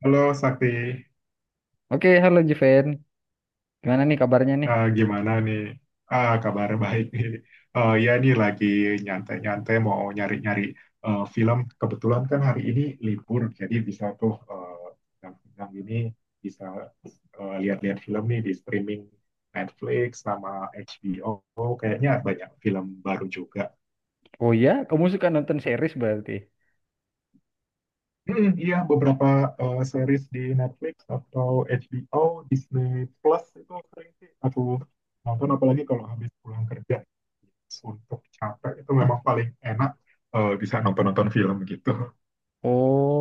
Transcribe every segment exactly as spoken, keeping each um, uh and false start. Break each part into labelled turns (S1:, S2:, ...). S1: Halo Sakti,
S2: Oke, halo Juven. Gimana nih kabarnya nih?
S1: Eh, gimana nih? Ah, kabar baik nih. Eh, ya nih lagi nyantai-nyantai mau nyari-nyari eh, film. Kebetulan kan hari ini libur, jadi bisa tuh eh, yang ini bisa eh, lihat-lihat film nih di streaming Netflix sama H B O. Kayaknya banyak film baru juga.
S2: Oh ya, kamu suka nonton series berarti.
S1: Hmm, iya, beberapa eh, series di Netflix atau H B O, Disney Plus itu sering sih aku nonton, apalagi kalau habis pulang kerja. Untuk capek itu memang paling enak eh, bisa nonton-nonton film gitu.
S2: Oh,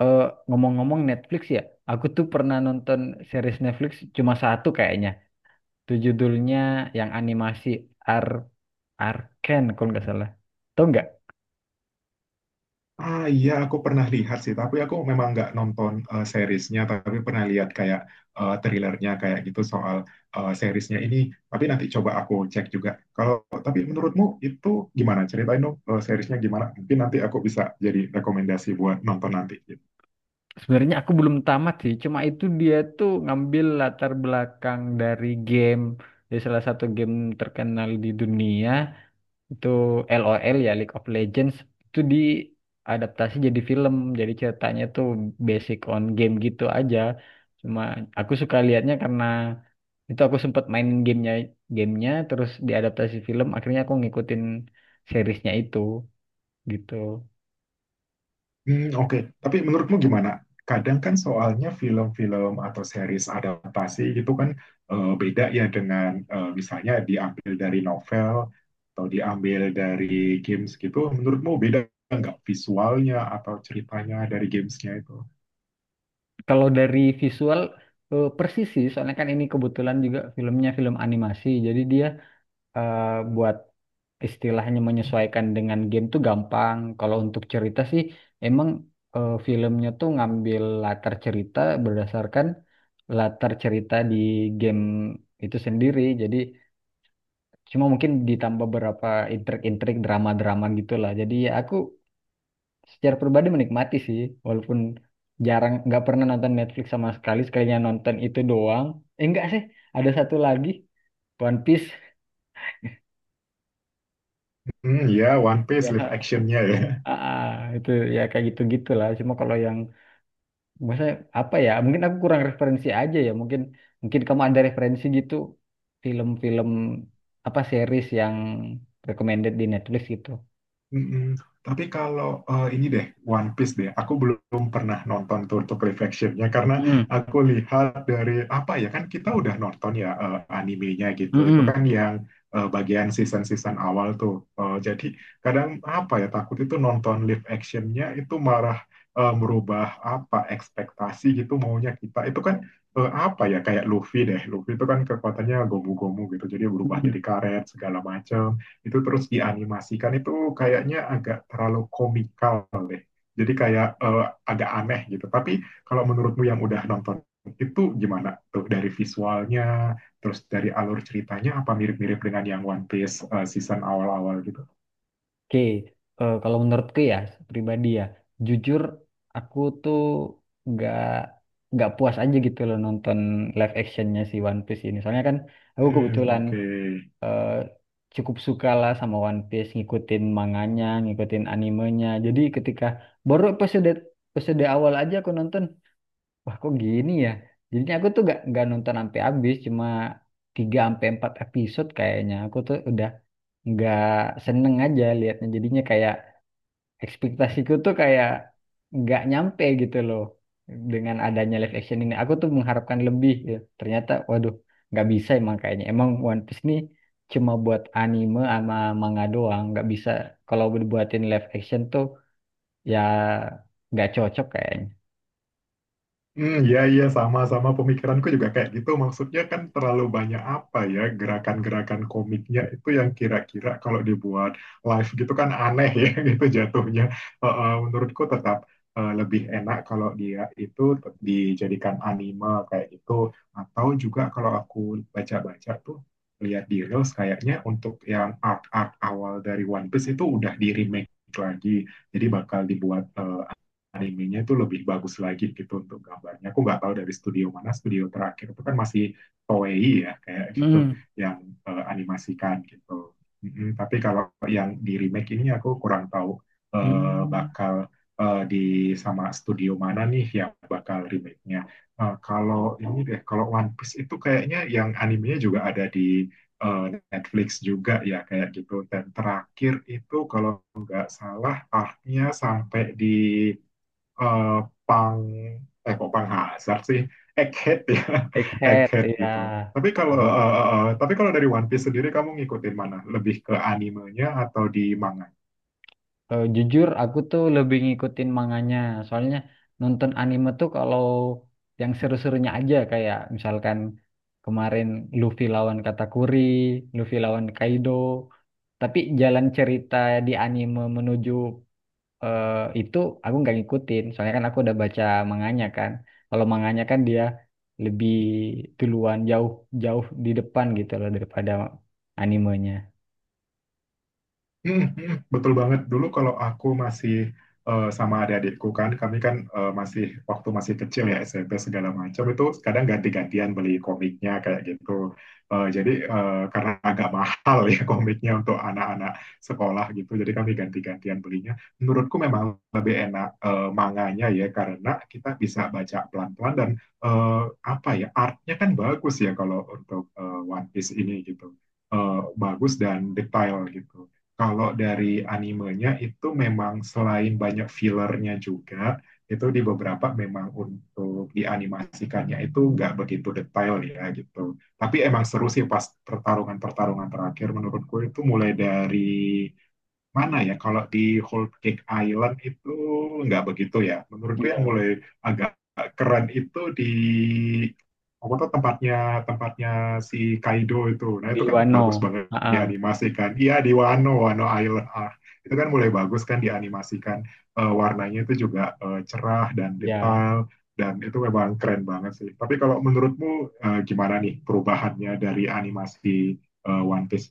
S2: eh, Ngomong-ngomong Netflix ya. Aku tuh pernah nonton series Netflix cuma satu kayaknya. Itu judulnya yang animasi Ar Arcane kalau nggak salah. Tahu nggak?
S1: Ah iya, aku pernah lihat sih, tapi aku memang nggak nonton eh, seriesnya, tapi pernah lihat kayak eh, trailernya kayak gitu soal eh, seriesnya ini. Tapi nanti coba aku cek juga. Kalau tapi menurutmu itu gimana? Ceritain dong, eh, seriesnya gimana? Mungkin nanti aku bisa jadi rekomendasi buat nonton nanti, gitu.
S2: Sebenarnya aku belum tamat sih. Cuma itu dia tuh ngambil latar belakang dari game, dari salah satu game terkenal di dunia. Itu LOL ya, League of Legends, itu diadaptasi jadi film, jadi ceritanya tuh basic on game gitu aja. Cuma aku suka lihatnya karena itu aku sempat mainin gamenya, gamenya terus diadaptasi film akhirnya aku ngikutin seriesnya itu gitu.
S1: Hmm. Oke. Tapi menurutmu gimana? Kadang kan soalnya film-film atau series adaptasi itu kan eh, beda ya dengan eh, misalnya diambil dari novel atau diambil dari games gitu. Menurutmu beda nggak visualnya atau ceritanya dari gamesnya itu?
S2: Kalau dari visual eh, persis sih soalnya kan ini kebetulan juga filmnya film animasi jadi dia eh, buat istilahnya menyesuaikan dengan game tuh gampang. Kalau untuk cerita sih emang eh, filmnya tuh ngambil latar cerita berdasarkan latar cerita di game itu sendiri. Jadi cuma mungkin ditambah beberapa intrik-intrik drama-drama gitulah. Jadi ya aku secara pribadi menikmati sih, walaupun jarang, nggak pernah nonton Netflix sama sekali, sekalinya nonton itu doang. Eh enggak sih, ada satu lagi, One Piece.
S1: Hmm, ya, One Piece live
S2: Ya,
S1: actionnya ya.
S2: Ah, ah, itu ya kayak gitu gitu lah. Cuma kalau yang maksudnya apa ya? Mungkin aku kurang referensi aja ya. Mungkin mungkin kamu ada referensi gitu, film-film apa series yang recommended di Netflix gitu.
S1: Mm-mm. Tapi kalau eh, ini deh, One Piece deh, aku belum pernah nonton tuh untuk live actionnya karena
S2: Hmm,
S1: aku lihat dari apa ya, kan kita udah nonton ya eh, animenya gitu, itu
S2: mm-mm,
S1: kan yang eh, bagian season-season awal tuh. Eh, jadi kadang apa ya takut itu nonton live actionnya itu marah, eh, merubah apa ekspektasi gitu maunya kita itu kan eh, apa ya kayak Luffy deh, Luffy itu kan kekuatannya gomu-gomu gitu, jadi berubah
S2: mm-mm.
S1: jadi karet segala macam itu terus dianimasikan itu kayaknya agak terlalu komikal. Jadi kayak eh, agak aneh gitu. Tapi kalau menurutmu yang udah nonton itu gimana tuh dari visualnya, terus dari alur ceritanya apa mirip-mirip dengan yang One Piece eh, season awal-awal gitu?
S2: Oke, Eh, kalau menurutku ya, pribadi ya, jujur aku tuh nggak nggak puas aja gitu loh nonton live actionnya si One Piece ini. Soalnya kan aku
S1: Hmm,
S2: kebetulan
S1: oke. Okay.
S2: eh, cukup suka lah sama One Piece, ngikutin manganya, ngikutin animenya. Jadi ketika baru episode episode awal aja aku nonton, wah kok gini ya? Jadinya aku tuh gak, nggak nonton sampai habis, cuma tiga sampai empat episode kayaknya. Aku tuh udah nggak seneng aja liatnya. Jadinya kayak ekspektasiku tuh kayak nggak nyampe gitu loh dengan adanya live action ini. Aku tuh mengharapkan lebih. Gitu. Ternyata, waduh, nggak bisa emang kayaknya. Emang One Piece nih cuma buat anime sama manga doang. Nggak bisa kalau dibuatin live action tuh ya nggak cocok kayaknya.
S1: Hmm, ya, ya, sama-sama pemikiranku juga kayak gitu. Maksudnya kan terlalu banyak apa ya, gerakan-gerakan komiknya itu yang kira-kira kalau dibuat live gitu kan aneh ya gitu jatuhnya. Eh, eh, menurutku tetap eh, lebih enak kalau dia itu tet- dijadikan anime kayak gitu. Atau juga kalau aku baca-baca tuh, lihat di Reels kayaknya untuk yang art-art awal dari One Piece itu udah di-remake lagi. Jadi bakal dibuat eh, animenya itu lebih bagus lagi gitu untuk gambarnya. Aku nggak tahu dari studio mana, studio terakhir itu kan masih Toei ya kayak gitu
S2: Hmm.
S1: yang eh, animasikan gitu. Mm-mm, tapi kalau yang di remake ini aku kurang tahu eh,
S2: Hmm.
S1: bakal eh, di sama studio mana nih yang bakal remake-nya. Eh, kalau ini deh, kalau One Piece itu kayaknya yang animenya juga ada di eh, Netflix juga ya kayak gitu. Dan terakhir itu kalau nggak salah arc sampai di eh Pang eh kok Pang Hazard sih, Egghead ya
S2: Egghead,
S1: Egghead
S2: ya.
S1: gitu. Tapi kalau eh, eh, eh, tapi kalau dari One Piece sendiri kamu ngikutin mana, lebih ke animenya atau di manga?
S2: Eh, jujur aku tuh lebih ngikutin manganya. Soalnya nonton anime tuh kalau yang seru-serunya aja kayak misalkan kemarin Luffy lawan Katakuri, Luffy lawan Kaido. Tapi jalan cerita di anime menuju eh, itu aku nggak ngikutin. Soalnya kan aku udah baca manganya kan. Kalau manganya kan dia lebih duluan jauh jauh di depan gitu loh daripada animenya.
S1: Hmm, hmm, betul banget. Dulu kalau aku masih eh, sama adik-adikku kan, kami kan eh, masih waktu masih kecil ya, S M P segala macam, itu kadang ganti-gantian beli komiknya kayak gitu. Eh, jadi eh, karena agak mahal ya komiknya untuk anak-anak sekolah gitu, jadi kami ganti-gantian belinya. Menurutku memang lebih enak eh, manganya ya karena kita bisa baca pelan-pelan dan eh, apa ya artnya kan bagus ya kalau untuk eh, One Piece ini gitu. eh, Bagus dan detail gitu. Kalau dari animenya itu memang selain banyak fillernya juga, itu di beberapa memang untuk dianimasikannya itu nggak begitu detail ya gitu. Tapi emang seru sih pas pertarungan-pertarungan terakhir, menurutku itu mulai dari mana ya, kalau di Whole Cake Island itu nggak begitu ya. Menurutku yang
S2: Iya.
S1: mulai agak keren itu di apa tuh tempatnya, tempatnya si Kaido itu. Nah
S2: Di
S1: itu kan
S2: Wano.
S1: bagus banget
S2: Heeh.
S1: dianimasikan. Iya, di Wano, Wano Island. Ah, itu kan mulai bagus kan dianimasikan. Eh, warnanya itu juga eh, cerah dan
S2: Ya.
S1: detail, dan itu memang keren banget sih. Tapi kalau menurutmu eh, gimana nih perubahannya dari animasi eh, One Piece?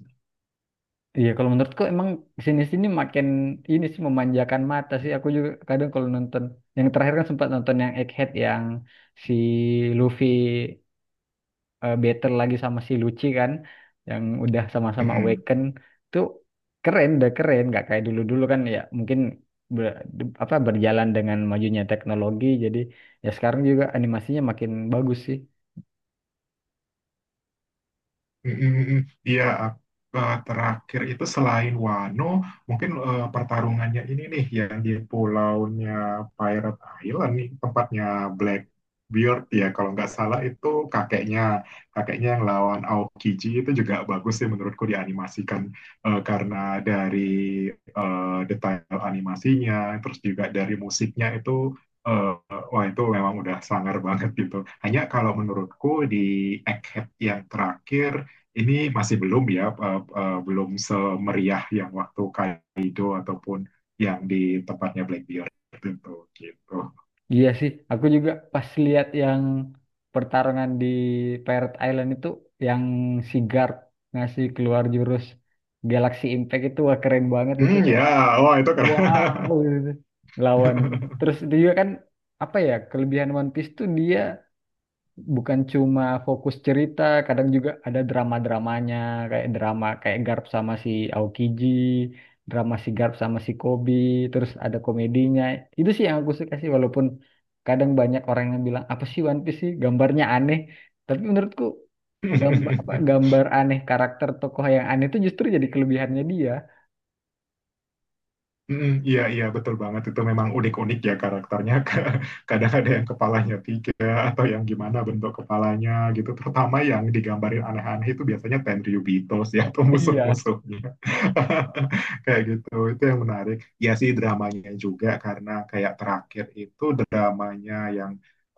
S2: Iya, kalau menurutku emang sini-sini makin ini sih memanjakan mata sih. Aku juga kadang kalau nonton yang terakhir kan sempat nonton yang Egghead yang si Luffy eh, battle lagi sama si Lucci kan yang udah sama-sama
S1: Mm-mm.
S2: awaken tuh keren, udah keren. Gak kayak dulu-dulu kan ya, mungkin ber- apa berjalan dengan majunya teknologi jadi ya sekarang juga animasinya makin bagus sih.
S1: Mm, mm, mm. Iya, eh, eh, terakhir itu selain Wano, mungkin eh, pertarungannya ini nih yang di pulaunya Pirate Island nih, tempatnya Blackbeard ya kalau nggak salah, itu kakeknya, kakeknya yang lawan Aokiji itu juga bagus sih menurutku dianimasikan, eh, karena dari eh, detail animasinya, terus juga dari musiknya itu, eh, wah itu memang udah sangar banget gitu. Hanya kalau menurutku di Egghead yang terakhir ini masih belum ya, eh, eh, belum semeriah yang waktu Kaido ataupun yang di tempatnya Blackbeard tentu gitu.
S2: Iya sih, aku juga pas lihat yang pertarungan di Pirate Island itu yang si guard ngasih keluar jurus Galaxy Impact itu wah keren banget itu
S1: Hmm ya,
S2: kayak
S1: wah itu
S2: wow
S1: keren.
S2: gitu. Lawan, terus itu juga kan apa ya kelebihan One Piece tuh dia bukan cuma fokus cerita, kadang juga ada drama-dramanya, kayak drama kayak Garp sama si Aokiji, drama si Garp sama si Kobi, terus ada komedinya. Itu sih yang aku suka sih, walaupun kadang banyak orang yang bilang, apa sih One Piece sih, gambarnya aneh. Tapi menurutku gambar, apa, gambar aneh karakter tokoh yang aneh itu justru jadi kelebihannya dia.
S1: Mm, iya, iya, betul banget, itu memang unik-unik ya karakternya. Ka- kadang ada yang kepalanya tiga atau yang gimana bentuk kepalanya gitu, terutama yang digambarin aneh-aneh itu biasanya Tenryubitos ya atau
S2: Iya.
S1: musuh-musuhnya kayak gitu, itu yang menarik ya. Sih dramanya juga karena kayak terakhir itu dramanya yang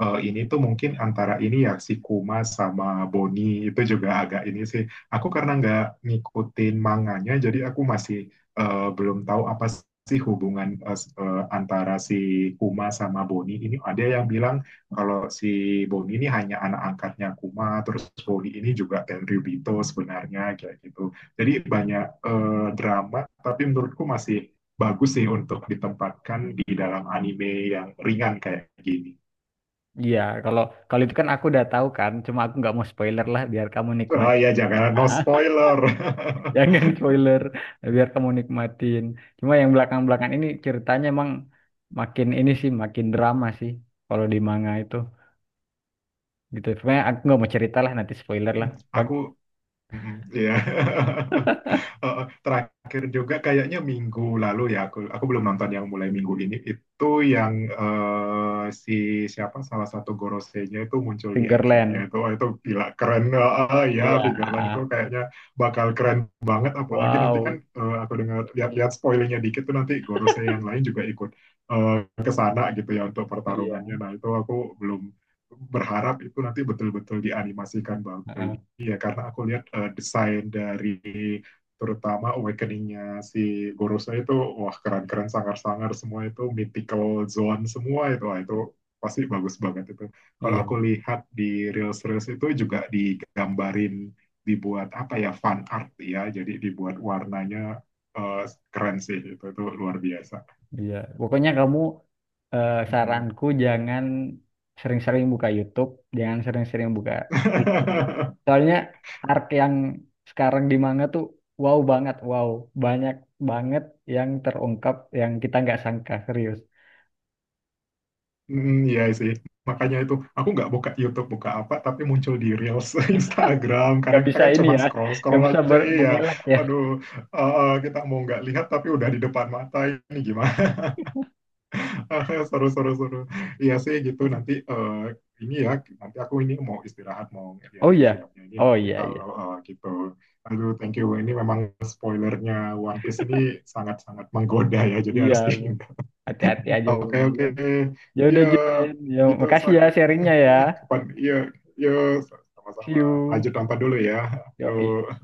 S1: eh, ini tuh mungkin antara ini ya, si Kuma sama Boni itu juga agak ini sih, aku karena nggak ngikutin manganya jadi aku masih eh, belum tahu apa sih hubungan eh, s- eh, antara si Kuma sama Boni ini. Ada yang bilang kalau si Boni ini hanya anak angkatnya Kuma, terus Boni ini juga Tenryu Bito sebenarnya kayak gitu. Jadi banyak eh, drama, tapi menurutku masih bagus sih untuk ditempatkan di dalam anime yang ringan kayak gini.
S2: Iya, kalau kalau itu kan aku udah tahu kan, cuma aku nggak mau spoiler lah biar kamu
S1: Oh
S2: nikmati.
S1: ya, jangan, no spoiler.
S2: Jangan spoiler, biar kamu nikmatin. Cuma yang belakang-belakang ini ceritanya emang makin ini sih, makin drama sih. Kalau di manga itu gitu. Sebenarnya aku nggak mau cerita lah, nanti spoiler lah. Bag
S1: Aku mm, ya. Yeah. Heeh, terakhir juga kayaknya minggu lalu ya, aku aku belum nonton yang mulai minggu ini itu yang eh, si siapa salah satu Gorosei-nya itu muncul di akhirnya
S2: Fingerland.
S1: itu, wah, itu gila keren. Heeh, ya
S2: Iya, ah,
S1: Figureland itu
S2: ah.
S1: kayaknya bakal keren banget, apalagi nanti kan
S2: Wow.
S1: eh, aku dengar lihat-lihat spoilernya dikit tuh nanti Gorosei yang lain juga ikut eh, ke sana gitu ya untuk
S2: Iya,
S1: pertarungannya. Nah itu aku belum berharap itu nanti betul-betul dianimasikan banget
S2: ah,
S1: ini
S2: ah.
S1: ya, karena aku lihat eh, desain dari terutama awakening-nya si Gorosa itu, wah, keren-keren, sangar-sangar semua itu, mythical zone semua itu, wah, itu pasti bagus banget itu. Kalau aku
S2: Iya.
S1: lihat di reels-reels itu juga digambarin, dibuat apa ya, fan art ya, jadi dibuat warnanya eh, keren sih itu itu luar biasa.
S2: Iya, pokoknya kamu, eh, saranku jangan sering-sering buka YouTube, jangan sering-sering buka Facebook. Soalnya arc yang sekarang di manga tuh wow banget, wow banyak banget yang terungkap yang kita nggak sangka, serius.
S1: Hmm, iya sih. Makanya itu, aku nggak buka YouTube, buka apa, tapi muncul di Reels Instagram.
S2: Gak
S1: Kadang kita
S2: bisa
S1: kan
S2: ini
S1: cuman
S2: ya, gak
S1: scroll-scroll
S2: bisa
S1: aja,
S2: ber-
S1: iya.
S2: mengelak ya.
S1: Aduh, eh, kita mau nggak lihat, tapi udah di depan mata ini gimana. Seru, seru, seru. Iya sih, gitu. Nanti eh, ini ya, nanti aku ini mau istirahat, mau
S2: Oh
S1: lihat-lihat
S2: iya,
S1: filmnya ini.
S2: oh
S1: Nanti
S2: iya iya,
S1: kalau eh, gitu. Aduh, thank you. Ini memang spoilernya One Piece ini sangat-sangat menggoda ya, jadi
S2: iya
S1: harus dihindari.
S2: hati-hati aja
S1: Oke,
S2: pokoknya
S1: oke,
S2: ya. Ya
S1: iya
S2: udah Jiren, ya
S1: gitu
S2: makasih
S1: Sak.
S2: ya
S1: Mm,
S2: sharingnya ya.
S1: mm. Kapan? Iya, iya,
S2: See
S1: sama-sama. Lanjut
S2: you.
S1: nonton dulu ya.
S2: Yo.
S1: Tuh.